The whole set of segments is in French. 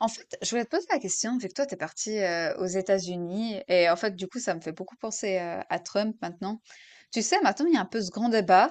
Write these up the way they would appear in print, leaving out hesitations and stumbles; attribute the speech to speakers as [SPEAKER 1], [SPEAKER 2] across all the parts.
[SPEAKER 1] En fait, je voulais te poser la question, vu que toi, tu es parti aux États-Unis, et en fait, du coup, ça me fait beaucoup penser à Trump maintenant. Tu sais, maintenant, il y a un peu ce grand débat.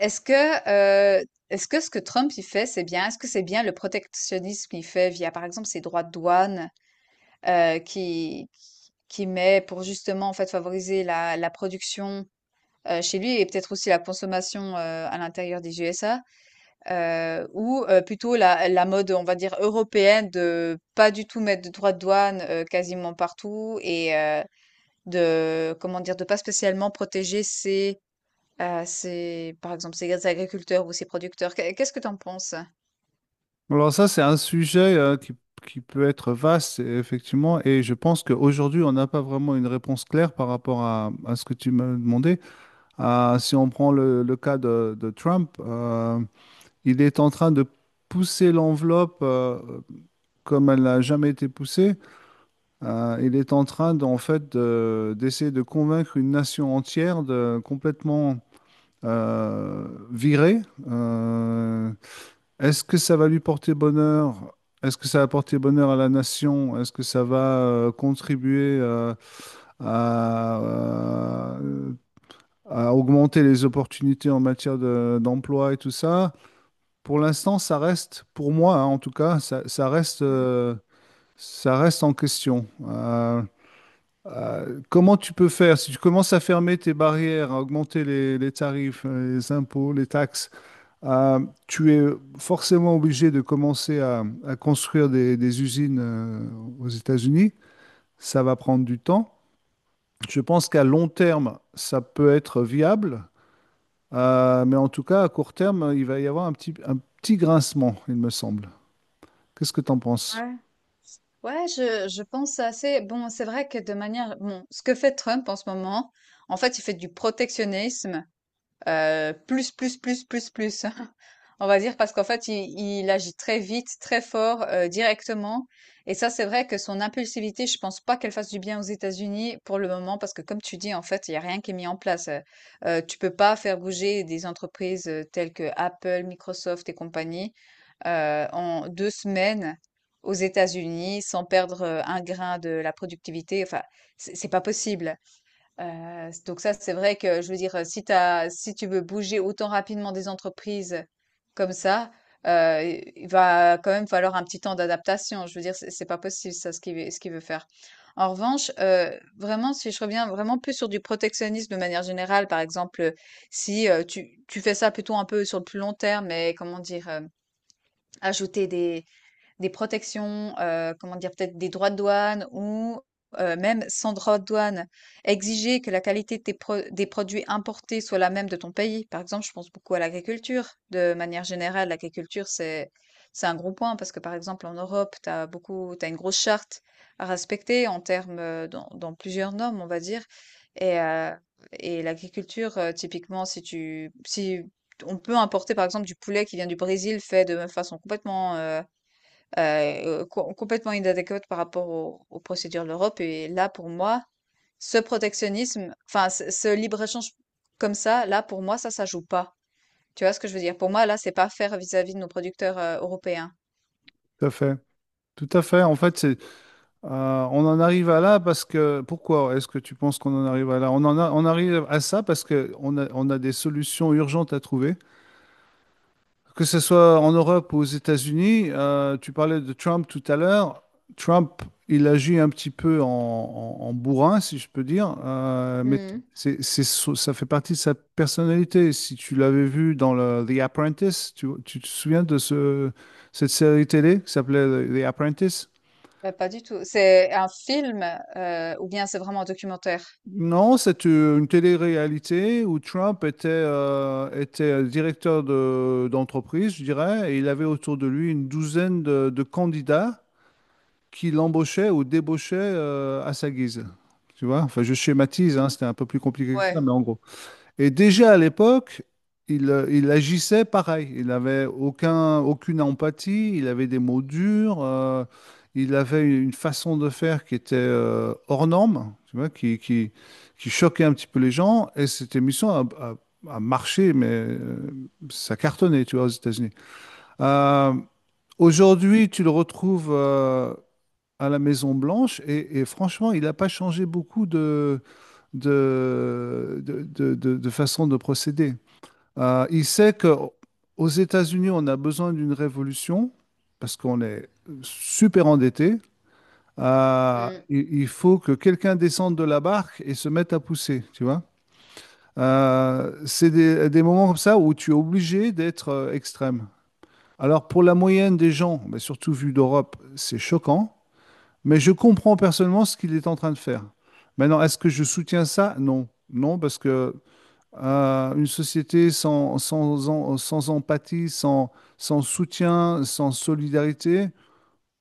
[SPEAKER 1] Est-ce que, euh, est-ce que ce que Trump il fait, c'est bien? Est-ce que c'est bien le protectionnisme qu'il fait via, par exemple, ses droits de douane euh, qui, qui met pour justement, en fait, favoriser la production chez lui et peut-être aussi la consommation à l'intérieur des USA? Ou plutôt la mode, on va dire, européenne de pas du tout mettre de droits de douane, quasiment partout et de comment dire? De pas spécialement protéger ses, par exemple, ces agriculteurs ou ces producteurs. Qu'est-ce que tu en penses?
[SPEAKER 2] Alors ça, c'est un sujet qui peut être vaste, effectivement, et je pense qu'aujourd'hui, on n'a pas vraiment une réponse claire par rapport à ce que tu m'as demandé. Ah, si on prend le cas de Trump, il est en train de pousser l'enveloppe comme elle n'a jamais été poussée. Il est en train, d'en fait, de- d'essayer de convaincre une nation entière de complètement virer. euh, Est-ce que ça va lui porter bonheur? Est-ce que ça va porter bonheur à la nation? Est-ce que ça va contribuer à, euh, à augmenter les opportunités en matière d'emploi et tout ça? Pour l'instant, ça reste, pour moi hein, en tout cas,
[SPEAKER 1] Mmh,
[SPEAKER 2] ça reste en question. Comment tu peux faire? Si tu commences à fermer tes barrières, à augmenter les tarifs, les impôts, les taxes, euh, tu es forcément obligé de commencer à construire des usines aux États-Unis. Ça va prendre du temps. Je pense qu'à long terme, ça peut être viable. Mais en tout cas, à court terme, il va y avoir un petit grincement, il me semble. Qu'est-ce que tu en penses?
[SPEAKER 1] ouais. Ouais, je pense assez bon, c'est vrai que de manière bon, ce que fait Trump en ce moment, en fait, il fait du protectionnisme plus, plus, plus, plus, plus. On va dire parce qu'en fait, il agit très vite, très fort, directement. Et ça, c'est vrai que son impulsivité, je pense pas qu'elle fasse du bien aux États-Unis pour le moment, parce que comme tu dis, en fait, il y a rien qui est mis en place. Tu peux pas faire bouger des entreprises telles que Apple, Microsoft et compagnie en deux semaines aux États-Unis sans perdre un grain de la productivité. Enfin, c'est pas possible. Donc ça, c'est vrai que je veux dire, si tu si tu veux bouger autant rapidement des entreprises comme ça, heu, i il va quand même falloir un petit temps d'adaptation. Je veux dire, c'est pas possible ça, ce qu'il veut faire. En revanche, vraiment, si je reviens vraiment plus sur du protectionnisme de manière générale, par exemple, si, tu fais ça plutôt un peu sur le plus long terme, mais comment dire? Ajouter des protections, comment dire? Peut-être des droits de douane ou, même sans droits de douane, exiger que la qualité de tes pro des produits importés soit la même de ton pays. Par exemple, je pense beaucoup à l'agriculture. De manière générale, l'agriculture, c'est un gros point parce que, par exemple, en Europe, tu as beaucoup tu une grosse charte à respecter en termes, dans dans plusieurs normes, on va dire. et heu et l'agriculture, typiquement, si on peut importer, par exemple, du poulet qui vient du Brésil fait de façon complètement inadéquate par rapport aux procédures de l'Europe. Et là, pour moi, ce protectionnisme, enfin, ce libre-échange comme ça, là, pour moi, ça joue pas. Tu vois ce que je veux dire? Pour moi, là, c'est pas faire vis-à-vis de nos producteurs, européens.
[SPEAKER 2] Tout à fait. Tout à fait. En fait, euh, on en arrive à là parce que... Pourquoi est-ce que tu penses qu'on en arrive à là? On arrive à ça parce on a des solutions urgentes à trouver. Que ce soit en Europe ou aux États-Unis, tu parlais de Trump tout à l'heure. Trump, il agit un petit peu en bourrin, si je peux dire, mais
[SPEAKER 1] Mhm.
[SPEAKER 2] ça fait partie de sa personnalité. Si tu l'avais vu dans The Apprentice, tu te souviens de ce, cette série télé qui s'appelait The Apprentice?
[SPEAKER 1] Bah, pas du tout. C'est un film, ou bien c'est vraiment un documentaire?
[SPEAKER 2] Non, c'est une télé-réalité où Trump était, était directeur d'entreprise, je dirais, et il avait autour de lui une douzaine de candidats qui l'embauchait ou débauchait à sa guise. Tu vois? Enfin, je schématise, hein, c'était un peu plus compliqué que ça,
[SPEAKER 1] Ouais.
[SPEAKER 2] mais en gros. Et déjà à l'époque, il agissait pareil. Il n'avait aucun, aucune empathie, il avait des mots durs, il avait une façon de faire qui était hors norme, tu vois, qui choquait un petit peu les gens. Et cette émission a marché, mais ça cartonnait, tu vois, aux États-Unis. Euh, Aujourd'hui, tu le retrouves. À la Maison Blanche et franchement, il n'a pas changé beaucoup de façon de procéder. Il sait que aux États-Unis, on a besoin d'une révolution parce qu'on est super endetté.
[SPEAKER 1] Mhm.
[SPEAKER 2] Il faut que quelqu'un descende de la barque et se mette à pousser, tu vois. C'est des moments comme ça où tu es obligé d'être extrême. Alors pour la moyenne des gens, mais surtout vu d'Europe, c'est choquant. Mais je comprends personnellement ce qu'il est en train de faire. Maintenant, est-ce que je soutiens ça? Non. Non, parce que une société sans empathie, sans, sans soutien, sans solidarité,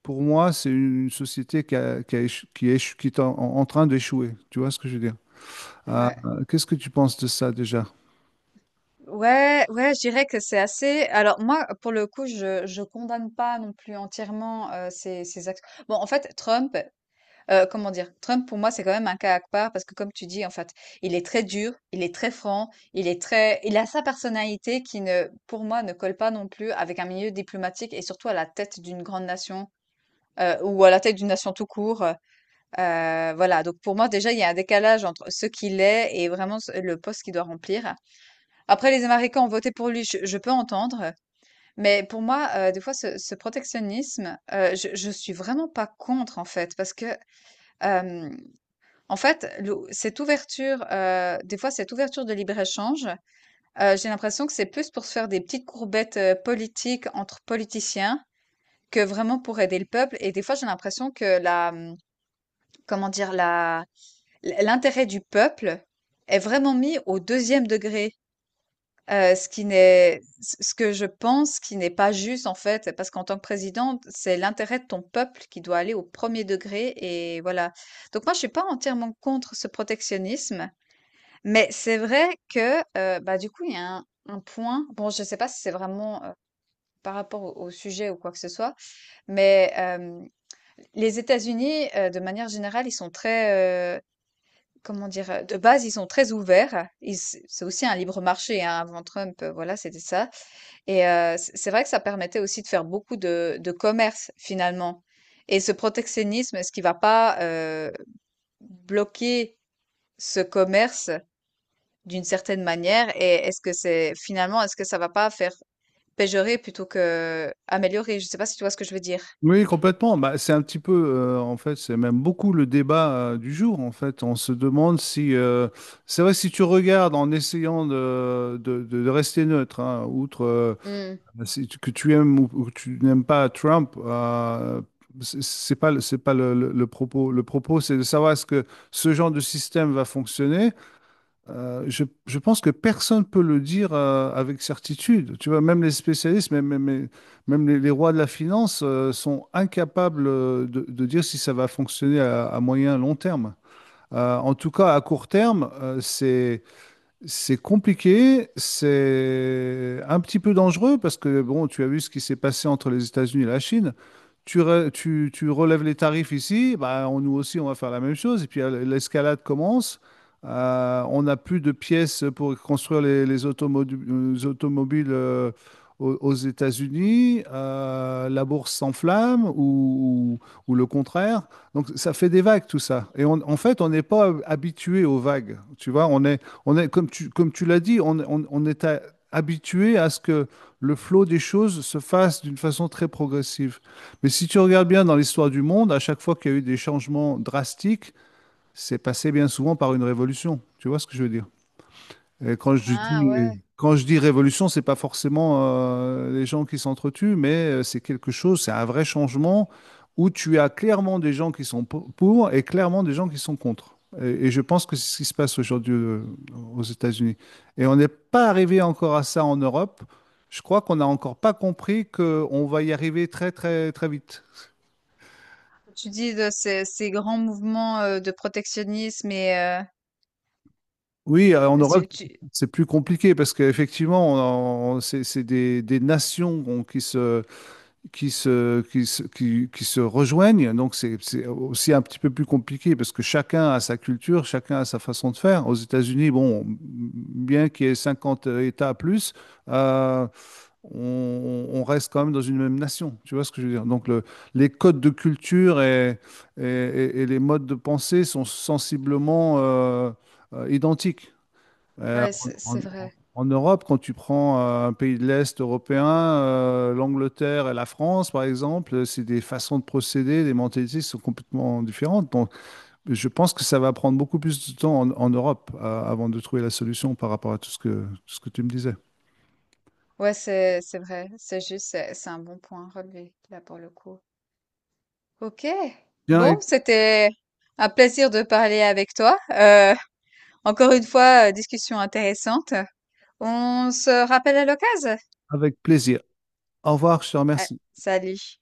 [SPEAKER 2] pour moi, c'est une société qui, a éche- qui est en train d'échouer. Tu vois ce que je veux dire? Euh,
[SPEAKER 1] Ouais.
[SPEAKER 2] qu'est-ce que tu penses de ça déjà?
[SPEAKER 1] Ouais, ouais, je dirais que c'est assez. Alors moi, pour le coup, je condamne pas non plus entièrement ces actions. Bon, en fait, Trump, comment dire, Trump pour moi c'est quand même un cas à part parce que comme tu dis, en fait, il est très dur, il est très franc, il est très, il a sa personnalité qui ne, pour moi, ne colle pas non plus avec un milieu diplomatique et surtout à la tête d'une grande nation. Ou à la tête d'une nation tout court. Voilà, donc pour moi déjà, il y a un décalage entre ce qu'il est et vraiment le poste qu'il doit remplir. Après, les Américains ont voté pour lui, je peux entendre, mais pour moi, des fois, ce protectionnisme, je suis vraiment pas contre, en fait, parce que, euh, en fait, cette ouverture, des fois, cette ouverture de libre-échange, j'ai l'impression que c'est plus pour se faire des petites courbettes politiques entre politiciens que vraiment pour aider le peuple. Et des fois, j'ai l'impression que la, l'intérêt du peuple est vraiment mis au deuxième degré. Ce qui n'est ce que je pense qui n'est pas juste, en fait, parce qu'en tant que présidente, c'est l'intérêt de ton peuple qui doit aller au premier degré et voilà. Donc moi, je suis pas entièrement contre ce protectionnisme, mais c'est vrai que, bah, du coup, il y a un point, bon, je sais pas si c'est vraiment, par rapport au sujet ou quoi que ce soit, mais les États-Unis, de manière générale, ils sont très, comment dire? De base, ils sont très ouverts. Ils C'est aussi un libre marché, hein, avant Trump, voilà, c'était ça. Et c'est vrai que ça permettait aussi de faire beaucoup de commerce finalement, et ce protectionnisme, est-ce qu'il va pas, bloquer ce commerce d'une certaine manière? Et est-ce que c'est finalement, est-ce que ça va pas faire péjorer plutôt que améliorer? Je sais pas si tu vois ce que je veux dire?
[SPEAKER 2] Oui, complètement. Bah, c'est un petit peu, en fait, c'est même beaucoup le débat du jour. En fait, on se demande si, c'est vrai, si tu regardes en essayant de rester neutre, hein, outre
[SPEAKER 1] Mmh.
[SPEAKER 2] si que tu aimes ou que tu n'aimes pas Trump, c'est pas, c'est pas le propos. Le propos, c'est de savoir est-ce que ce genre de système va fonctionner. Je pense que personne ne peut le dire avec certitude. Tu vois, même les spécialistes, même les rois de la finance sont incapables de dire si ça va fonctionner à moyen, long terme. En tout cas, à court terme, c'est compliqué, c'est un petit peu dangereux parce que bon, tu as vu ce qui s'est passé entre les États-Unis et la Chine. Tu relèves les tarifs ici, bah, nous aussi on va faire la même chose et puis l'escalade commence. On n'a plus de pièces pour construire les automobiles aux États-Unis. La bourse s'enflamme ou le contraire. Donc ça fait des vagues tout ça. Et en fait, on n'est pas habitué aux vagues. Tu vois, on est, comme tu l'as dit, on est habitué à ce que le flot des choses se fasse d'une façon très progressive. Mais si tu regardes bien dans l'histoire du monde, à chaque fois qu'il y a eu des changements drastiques, c'est passé bien souvent par une révolution. Tu vois ce que je veux dire? Et
[SPEAKER 1] Ah ouais,
[SPEAKER 2] quand je dis révolution, c'est pas forcément les gens qui s'entretuent, mais c'est quelque chose, c'est un vrai changement où tu as clairement des gens qui sont pour et clairement des gens qui sont contre. Et je pense que c'est ce qui se passe aujourd'hui aux États-Unis. Et on n'est pas arrivé encore à ça en Europe. Je crois qu'on n'a encore pas compris qu'on va y arriver très, très, très vite.
[SPEAKER 1] tu dis de ces grands mouvements, de protectionnisme et
[SPEAKER 2] Oui, en Europe,
[SPEAKER 1] tu tu
[SPEAKER 2] c'est plus compliqué parce qu'effectivement, c'est des nations bon, qui se rejoignent. Donc, c'est aussi un petit peu plus compliqué parce que chacun a sa culture, chacun a sa façon de faire. Aux États-Unis, bon, bien qu'il y ait 50 États plus, euh, on reste quand même dans une même nation. Tu vois ce que je veux dire? Donc, les codes de culture et les modes de pensée sont sensiblement identiques. Euh,
[SPEAKER 1] ouais, c'est c'est vrai.
[SPEAKER 2] En Europe, quand tu prends un pays de l'Est européen, l'Angleterre et la France, par exemple, c'est des façons de procéder, des mentalités qui sont complètement différentes. Donc, je pense que ça va prendre beaucoup plus de temps en Europe avant de trouver la solution par rapport à tout ce que tu me disais.
[SPEAKER 1] Ouais, c'est vrai, c'est juste, c'est un bon point relevé là pour le coup. Ok.
[SPEAKER 2] Bien, et
[SPEAKER 1] Bon, c'était un plaisir de parler avec toi. Encore une fois, discussion intéressante. On se rappelle à l'occasion.
[SPEAKER 2] avec plaisir. Au revoir, je te
[SPEAKER 1] Ah,
[SPEAKER 2] remercie.
[SPEAKER 1] salut.